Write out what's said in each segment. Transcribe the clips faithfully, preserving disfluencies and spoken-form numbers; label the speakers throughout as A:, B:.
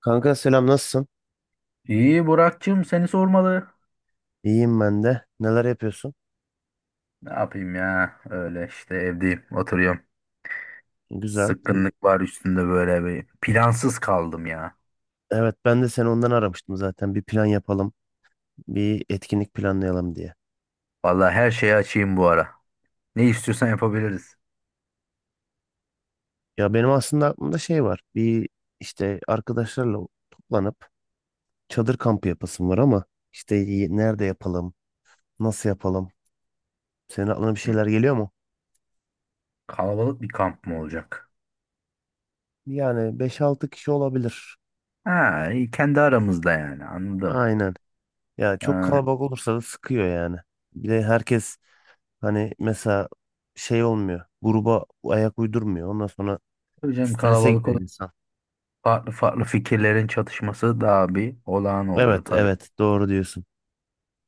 A: Kanka selam nasılsın?
B: İyi Burak'cığım seni sormalı.
A: İyiyim ben de. Neler yapıyorsun?
B: Ne yapayım ya? Öyle işte evdeyim, oturuyorum.
A: Güzel.
B: Sıkkınlık var üstünde böyle bir. Plansız kaldım ya.
A: Evet ben de seni ondan aramıştım zaten. Bir plan yapalım. Bir etkinlik planlayalım diye.
B: Vallahi her şeye açayım bu ara. Ne istiyorsan yapabiliriz.
A: Ya benim aslında aklımda şey var. Bir işte arkadaşlarla toplanıp çadır kampı yapasım var ama işte y- nerede yapalım? Nasıl yapalım? Senin aklına bir
B: Hı.
A: şeyler geliyor mu?
B: Kalabalık bir kamp mı olacak?
A: Yani beş altı kişi olabilir.
B: Ha, iyi, kendi aramızda yani anladım.
A: Aynen. Ya çok
B: Ha,
A: kalabalık olursa da sıkıyor yani. Bir de herkes hani mesela şey olmuyor. Gruba ayak uydurmuyor. Ondan sonra
B: tabii canım
A: strese
B: kalabalık
A: giriyor
B: olur.
A: insan.
B: Farklı farklı fikirlerin çatışması daha bir olağan
A: Evet
B: oluyor tabii.
A: evet doğru diyorsun.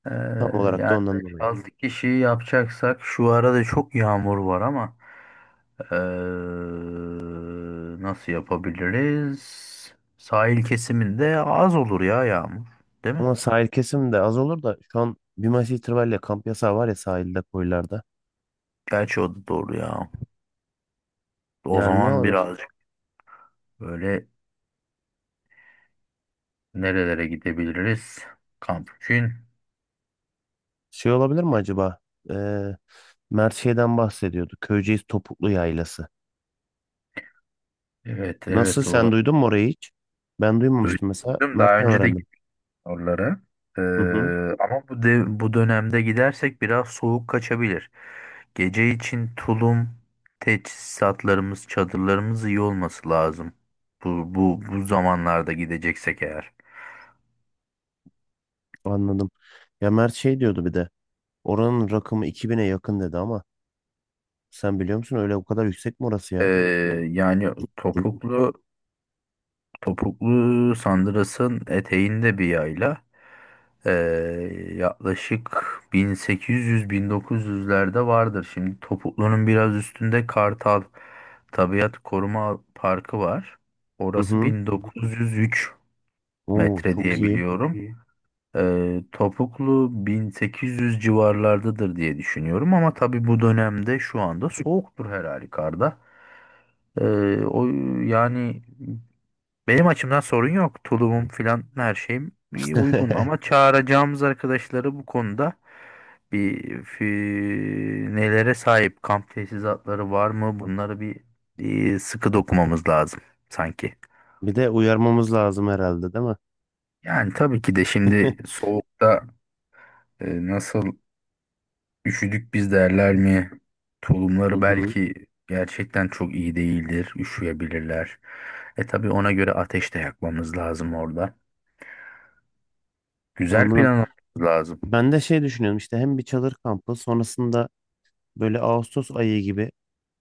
B: Ee,
A: Tam olarak da
B: yani
A: ondan dolayı.
B: beş altı kişi yapacaksak şu arada çok yağmur var ama ee, nasıl yapabiliriz? Sahil kesiminde az olur ya yağmur, değil mi?
A: Ama sahil kesim de az olur da şu an bir maç itibariyle kamp yasağı var ya sahilde koylarda.
B: Gerçi o da doğru ya. O
A: Yani ne
B: zaman
A: olur?
B: birazcık böyle nerelere gidebiliriz? Kamp için.
A: Şey olabilir mi acaba? Ee, Mert şeyden bahsediyordu. Köyceğiz Topuklu Yaylası.
B: Evet
A: Nasıl
B: evet
A: sen duydun
B: olabilir.
A: mu orayı hiç? Ben duymamıştım mesela.
B: Duydum. Daha
A: Mert'ten
B: önce de
A: öğrendim.
B: oraları. Ee,
A: Hı hı,
B: Ama bu de- bu dönemde gidersek biraz soğuk kaçabilir. Gece için tulum, teçhizatlarımız, çadırlarımız iyi olması lazım. Bu bu bu zamanlarda gideceksek eğer.
A: anladım. Ya Mert şey diyordu bir de. Oranın rakımı iki bine yakın dedi ama sen biliyor musun öyle o kadar yüksek mi orası
B: Ee,
A: ya?
B: yani topuklu topuklu sandırasın eteğinde bir yayla. Ee, Yaklaşık bin sekiz yüz bin dokuz yüzlerde vardır. Şimdi Topuklu'nun biraz üstünde Kartal Tabiat Koruma Parkı var.
A: Hı
B: Orası
A: hı.
B: bin dokuz yüz üç
A: Oo,
B: metre
A: çok
B: diye
A: iyi.
B: biliyorum. Ee, Topuklu bin sekiz yüz civarlardadır diye düşünüyorum ama tabii bu dönemde şu anda soğuktur her halükarda. Ee, o yani benim açımdan sorun yok. Tulumum filan her şeyim iyi, uygun ama çağıracağımız arkadaşları bu konuda bir fi- nelere sahip kamp tesisatları var mı? Bunları bir e, sıkı dokumamız lazım sanki.
A: Bir de uyarmamız lazım herhalde, değil mi?
B: Yani tabii ki de şimdi soğukta e, nasıl üşüdük biz derler mi?
A: Hı
B: Tulumları
A: hı.
B: belki gerçekten çok iyi değildir. Üşüyebilirler. E tabii ona göre ateş de yakmamız lazım orada. Güzel
A: Anladım.
B: planlamamız lazım.
A: Ben de şey düşünüyorum işte hem bir çadır kampı sonrasında böyle Ağustos ayı gibi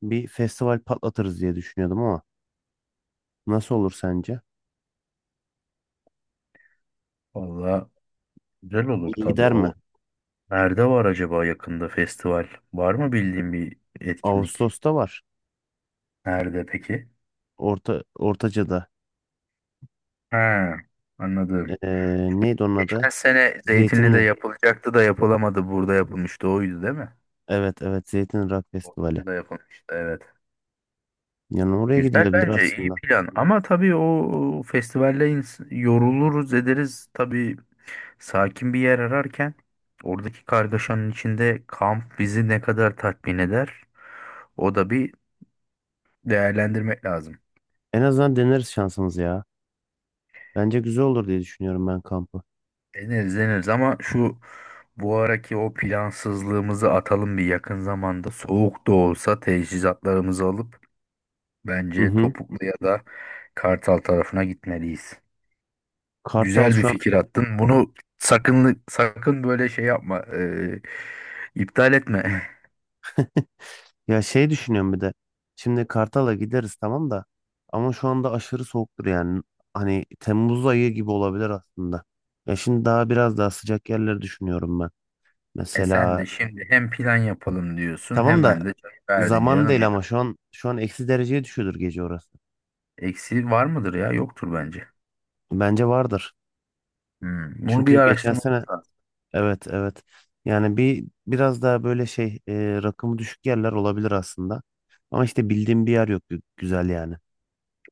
A: bir festival patlatırız diye düşünüyordum ama nasıl olur sence?
B: Valla güzel olur
A: İyi
B: tabii
A: gider mi?
B: o. Nerede var acaba yakında festival? Var mı bildiğin bir etkinlik?
A: Ağustos'ta var.
B: Nerede peki?
A: Orta Ortaca'da.
B: Ha, anladım.
A: Ee, neydi onun
B: Geçen
A: adı?
B: sene Zeytinli'de
A: Zeytinli.
B: yapılacaktı da yapılamadı. Burada yapılmıştı oydu değil mi?
A: Evet evet Zeytinli Rock Festivali.
B: Orada da yapılmıştı evet.
A: Yani oraya
B: Güzel
A: gidilebilir
B: bence iyi
A: aslında.
B: plan ama tabii o festivalle ins- yoruluruz ederiz. Tabii sakin bir yer ararken oradaki kargaşanın içinde kamp bizi ne kadar tatmin eder? O da bir değerlendirmek lazım.
A: En azından deneriz şansımız ya. Bence güzel olur diye düşünüyorum ben kampı.
B: Deneriz deneriz ama şu bu araki o plansızlığımızı atalım bir yakın zamanda. Soğuk da olsa teçhizatlarımızı alıp
A: Hı
B: bence
A: hı.
B: Topuklu ya da Kartal tarafına gitmeliyiz.
A: Kartal
B: Güzel bir
A: şu an
B: fikir attın. Bunu sakın sakın böyle şey yapma, e, iptal etme.
A: ya şey düşünüyorum bir de. Şimdi Kartal'a gideriz tamam da ama şu anda aşırı soğuktur yani. Hani Temmuz ayı gibi olabilir aslında. Ya şimdi daha biraz daha sıcak yerleri düşünüyorum ben.
B: E sen
A: Mesela
B: de şimdi hem plan yapalım diyorsun
A: tamam da
B: hemen de çay verdin
A: zaman
B: canım
A: değil
B: ya.
A: ama şu an şu an eksi dereceye düşüyordur gece orası.
B: Eksiği var mıdır ya? Yoktur bence.
A: Bence vardır.
B: Hmm, Bunu bir
A: Çünkü geçen
B: araştırma.
A: sene evet evet. Yani bir biraz daha böyle şey e, rakımı düşük yerler olabilir aslında. Ama işte bildiğim bir yer yok gü- güzel yani.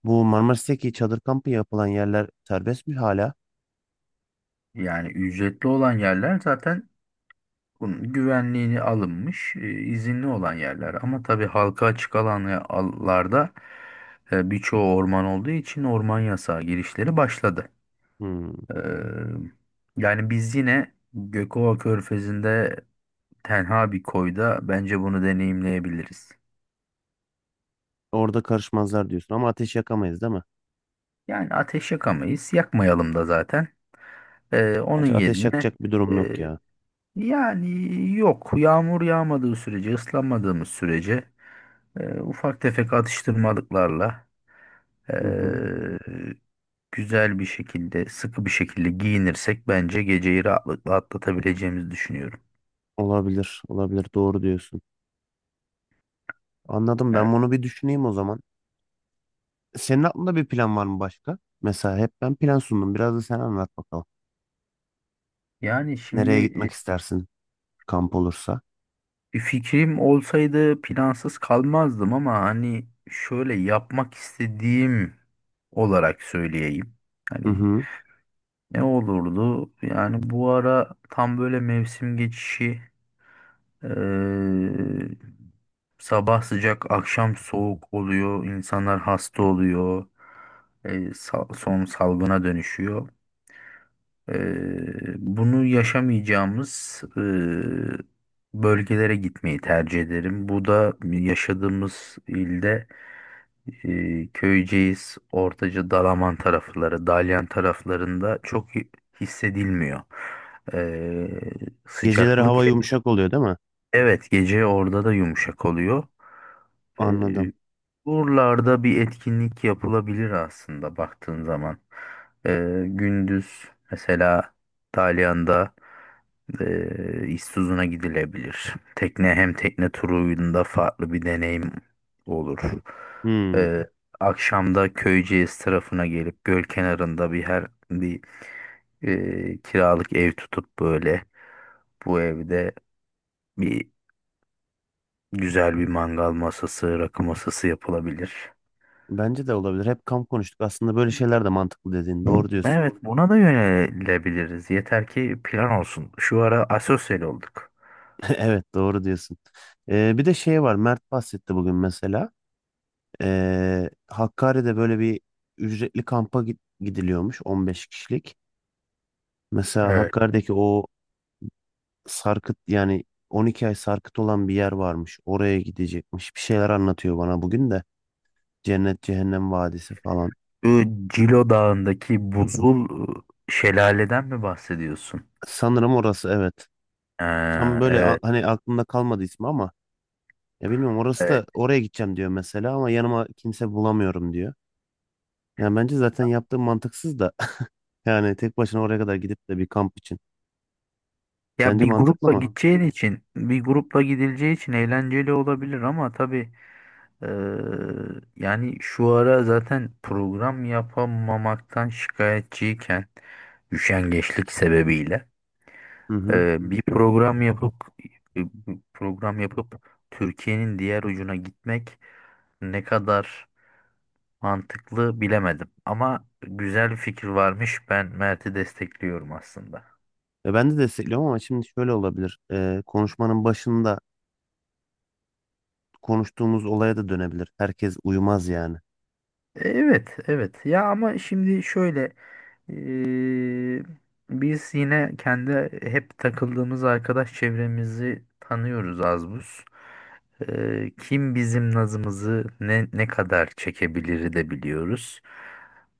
A: Bu Marmaris'teki çadır kampı yapılan yerler serbest mi hala?
B: Yani ücretli olan yerler zaten bunun güvenliğini alınmış, e, izinli olan yerler. Ama tabii halka açık alanlarda e, birçoğu orman olduğu için orman yasağı girişleri başladı.
A: Hmm.
B: Ee, yani biz yine Gökova Körfezi'nde tenha bir koyda bence bunu deneyimleyebiliriz.
A: Orada karışmazlar diyorsun ama ateş yakamayız değil mi?
B: Yani ateş yakamayız, yakmayalım da zaten. Ee, onun
A: Gerçi ateş
B: yerine
A: yakacak bir durum yok
B: e,
A: ya.
B: yani yok yağmur yağmadığı sürece, ıslanmadığımız sürece. Ee, ufak tefek atıştırmalıklarla
A: Hı hı.
B: ee, güzel bir şekilde, sıkı bir şekilde giyinirsek bence geceyi rahatlıkla atlatabileceğimizi düşünüyorum.
A: Olabilir, olabilir. Doğru diyorsun. Anladım.
B: Evet.
A: Ben bunu bir düşüneyim o zaman. Senin aklında bir plan var mı başka? Mesela hep ben plan sundum. Biraz da sen anlat bakalım.
B: Yani şimdi
A: Nereye gitmek
B: e,
A: istersin kamp olursa?
B: bir fikrim olsaydı plansız kalmazdım ama hani şöyle yapmak istediğim olarak söyleyeyim.
A: Hı
B: Hani
A: hı.
B: ne olurdu? Yani bu ara tam böyle mevsim geçişi. e, Sabah sıcak, akşam soğuk oluyor. İnsanlar hasta oluyor. E, sal- son salgına dönüşüyor. E, bunu yaşamayacağımız e, bölgelere gitmeyi tercih ederim. Bu da yaşadığımız ilde e, Köyceğiz, Ortaca, Dalaman tarafları, Dalyan taraflarında çok hissedilmiyor. E,
A: Geceleri hava
B: Sıcaklık
A: yumuşak oluyor değil mi?
B: evet, gece orada da yumuşak oluyor.
A: Anladım.
B: Ee, Buralarda bir etkinlik yapılabilir aslında baktığın zaman. Ee, gündüz mesela Dalyan'da e, İztuzu'na gidilebilir. Tekne hem tekne turunda farklı bir deneyim olur.
A: Hmm.
B: Ee, Akşamda Köyceğiz tarafına gelip göl kenarında bir her bir e, kiralık ev tutup böyle bu evde bir güzel bir mangal masası, rakı masası yapılabilir.
A: Bence de olabilir. Hep kamp konuştuk. Aslında böyle şeyler de mantıklı dediğin. Doğru diyorsun.
B: Evet, buna da yönelebiliriz. Yeter ki plan olsun. Şu ara asosyal olduk.
A: Evet doğru diyorsun. Ee, bir de şey var. Mert bahsetti bugün mesela. Ee, Hakkari'de böyle bir ücretli kampa git- gidiliyormuş. On beş kişilik. Mesela
B: Evet.
A: Hakkari'deki o sarkıt yani on iki ay sarkıt olan bir yer varmış. Oraya gidecekmiş. Bir şeyler anlatıyor bana bugün de. Cennet Cehennem Vadisi falan.
B: Bu Cilo Dağı'ndaki buzul e, şelaleden mi bahsediyorsun?
A: Sanırım orası evet. Tam
B: Ha,
A: böyle a-
B: evet,
A: hani aklımda kalmadı ismi ama ya bilmiyorum orası
B: evet.
A: da oraya gideceğim diyor mesela ama yanıma kimse bulamıyorum diyor. Yani bence zaten yaptığım mantıksız da yani tek başına oraya kadar gidip de bir kamp için.
B: Ya
A: Sence
B: bir
A: mantıklı
B: grupla
A: mı?
B: gideceğin için, bir grupla gidileceği için eğlenceli olabilir ama tabii, e, yani şu ara zaten program yapamamaktan şikayetçiyken üşengeçlik sebebiyle
A: Hı hı.
B: Ee, bir program yapıp e, program yapıp Türkiye'nin diğer ucuna gitmek ne kadar mantıklı bilemedim. Ama güzel bir fikir varmış. Ben Mert'i destekliyorum aslında.
A: E, ben de destekliyorum ama şimdi şöyle olabilir. E, konuşmanın başında konuştuğumuz olaya da dönebilir. Herkes uyumaz yani.
B: Evet, evet. Ya ama şimdi şöyle, eee, biz yine kendi hep takıldığımız arkadaş çevremizi tanıyoruz az buz. Eee, kim bizim nazımızı ne ne kadar çekebilir de biliyoruz.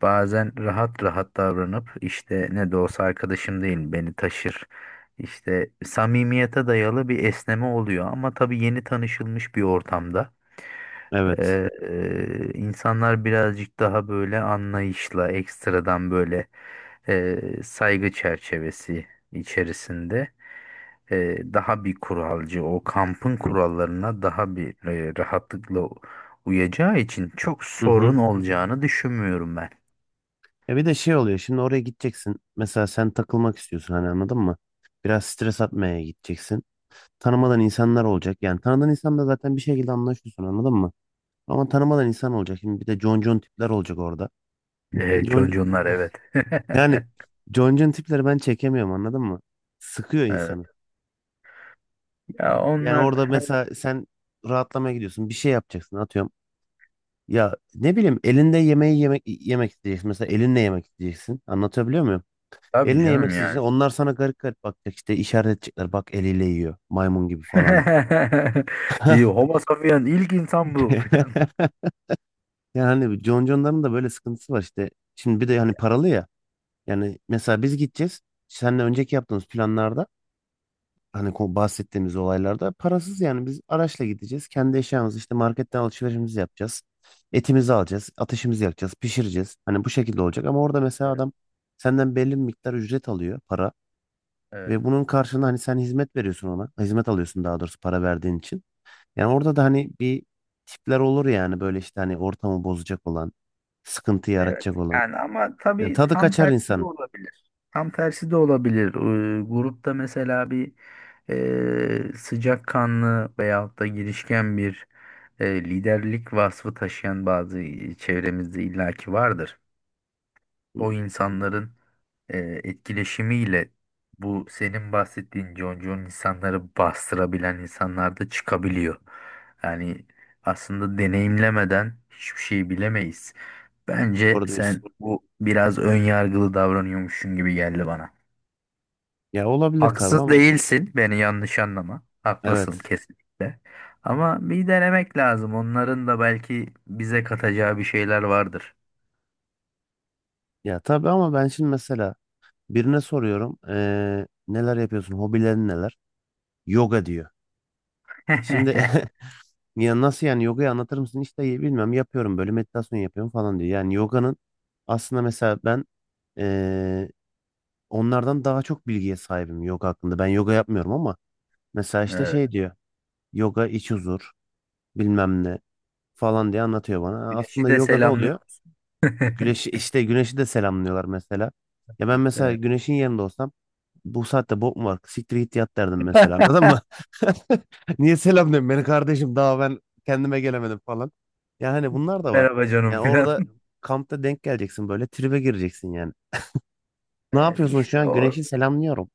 B: Bazen rahat rahat davranıp işte ne de olsa arkadaşım değil beni taşır. İşte samimiyete dayalı bir esneme oluyor ama tabii yeni tanışılmış bir ortamda.
A: Evet.
B: Ee, e, insanlar birazcık daha böyle anlayışla, ekstradan böyle e, saygı çerçevesi içerisinde, e, daha bir kuralcı, o kampın kurallarına daha bir e, rahatlıkla uyacağı için çok
A: Hı hı.
B: sorun olacağını düşünmüyorum ben.
A: Ya bir de şey oluyor şimdi oraya gideceksin. Mesela sen takılmak istiyorsun hani anladın mı? Biraz stres atmaya gideceksin. Tanımadan insanlar olacak. Yani tanıdığın insanla zaten bir şekilde anlaşıyorsun anladın mı? Ama tanımadan insan olacak. Şimdi bir de concon tipler olacak orada. E,
B: E,
A: Con,
B: conconlar evet.
A: yani concon tipleri ben çekemiyorum anladın mı? Sıkıyor insanı.
B: Evet. Ya
A: Yani
B: onlar
A: orada mesela sen rahatlamaya gidiyorsun. Bir şey yapacaksın atıyorum. Ya ne bileyim elinde yemeği yemek yemek isteyeceksin. Mesela elinle yemek isteyeceksin. Anlatabiliyor muyum?
B: tabii
A: Eline yemek
B: canım yani.
A: isteyeceksin. Onlar sana garip garip bakacak işte işaret edecekler. Bak eliyle yiyor. Maymun gibi falan.
B: İyi, Homo sapien ilk insan bu.
A: Yani hani John John'ların da böyle sıkıntısı var işte. Şimdi bir de hani paralı ya. Yani mesela biz gideceğiz. Seninle önceki yaptığımız planlarda hani ko- bahsettiğimiz olaylarda parasız yani biz araçla gideceğiz. Kendi eşyamızı işte marketten alışverişimizi yapacağız. Etimizi alacağız. Ateşimizi yakacağız. Pişireceğiz. Hani bu şekilde olacak ama orada mesela
B: Evet.
A: adam senden belli bir miktar ücret alıyor para. Ve
B: Evet.
A: bunun karşılığında hani sen hizmet veriyorsun ona. Hizmet alıyorsun daha doğrusu para verdiğin için. Yani orada da hani bir tipler olur yani böyle işte hani ortamı bozacak olan, sıkıntı
B: Evet
A: yaratacak olan.
B: yani, ama
A: Yani
B: tabii
A: tadı
B: tam
A: kaçar
B: tersi de
A: insan.
B: olabilir. Tam tersi de olabilir. Ee, grupta mesela bir e, sıcakkanlı veyahut da girişken bir, e, liderlik vasfı taşıyan bazı çevremizde illaki vardır. O insanların e, etkileşimiyle bu senin bahsettiğin concon insanları bastırabilen insanlar da çıkabiliyor. Yani aslında deneyimlemeden hiçbir şey bilemeyiz. Bence
A: Doğru
B: sen
A: diyorsun.
B: bu biraz ön yargılı davranıyormuşsun gibi geldi bana.
A: Ya olabilir tabii
B: Haksız
A: ama
B: değilsin, beni yanlış anlama. Haklısın
A: evet.
B: kesinlikle. Ama bir denemek lazım. Onların da belki bize katacağı bir şeyler vardır.
A: Ya tabii ama ben şimdi mesela birine soruyorum eee, neler yapıyorsun, hobilerin neler? Yoga diyor. Şimdi ya nasıl yani yogayı anlatır mısın? İşte bilmem yapıyorum böyle meditasyon yapıyorum falan diyor. Yani yoganın aslında mesela ben onlardan daha çok bilgiye sahibim yoga hakkında. Ben yoga yapmıyorum ama mesela işte
B: Evet.
A: şey diyor. Yoga iç huzur bilmem ne falan diye anlatıyor bana.
B: Güneşi
A: Aslında
B: de
A: yoga ne
B: selamlıyor
A: oluyor?
B: musun?
A: Güneşi işte güneşi de selamlıyorlar mesela. Ya ben mesela
B: Evet.
A: güneşin yerinde olsam bu saatte bok mu var? Siktir git yat derdim mesela anladın mı? Niye selam diyorsun beni kardeşim daha ben kendime gelemedim falan. Ya hani bunlar da var.
B: Merhaba canım
A: Yani
B: filan.
A: orada kampta denk geleceksin böyle tribe gireceksin yani. Ne
B: Evet
A: yapıyorsun şu
B: işte
A: an?
B: o,
A: Güneşi selamlıyorum.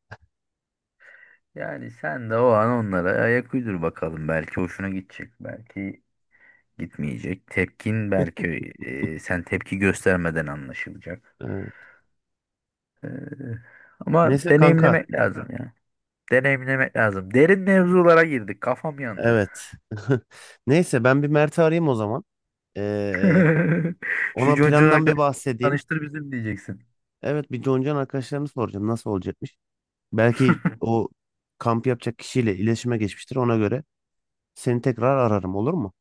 B: yani sen de o an onlara ayak uydur bakalım, belki hoşuna gidecek, belki gitmeyecek. Tepkin belki, e, sen tepki göstermeden anlaşılacak.
A: Ee,
B: E, Ama
A: neyse kanka.
B: deneyimlemek lazım ya. Deneyimlemek lazım. Derin mevzulara girdik. Kafam yandı.
A: Evet. Neyse ben bir Mert'i arayayım o zaman. Ee,
B: Şu
A: ona
B: Concun
A: plandan bir
B: arkadaşla
A: bahsedeyim.
B: tanıştır bizim diyeceksin.
A: Evet bir Joncan arkadaşlarını soracağım nasıl olacakmış. Belki o kamp yapacak kişiyle iletişime geçmiştir ona göre. Seni tekrar ararım olur mu?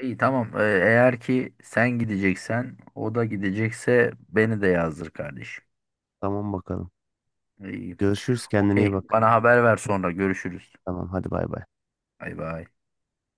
B: İyi, tamam. E, eğer ki sen gideceksen o da gidecekse beni de yazdır kardeşim.
A: Tamam bakalım.
B: İyi.
A: Görüşürüz kendine iyi
B: Okey.
A: bak.
B: Bana haber ver sonra. Görüşürüz.
A: Tamam hadi bay bay.
B: Bay bay.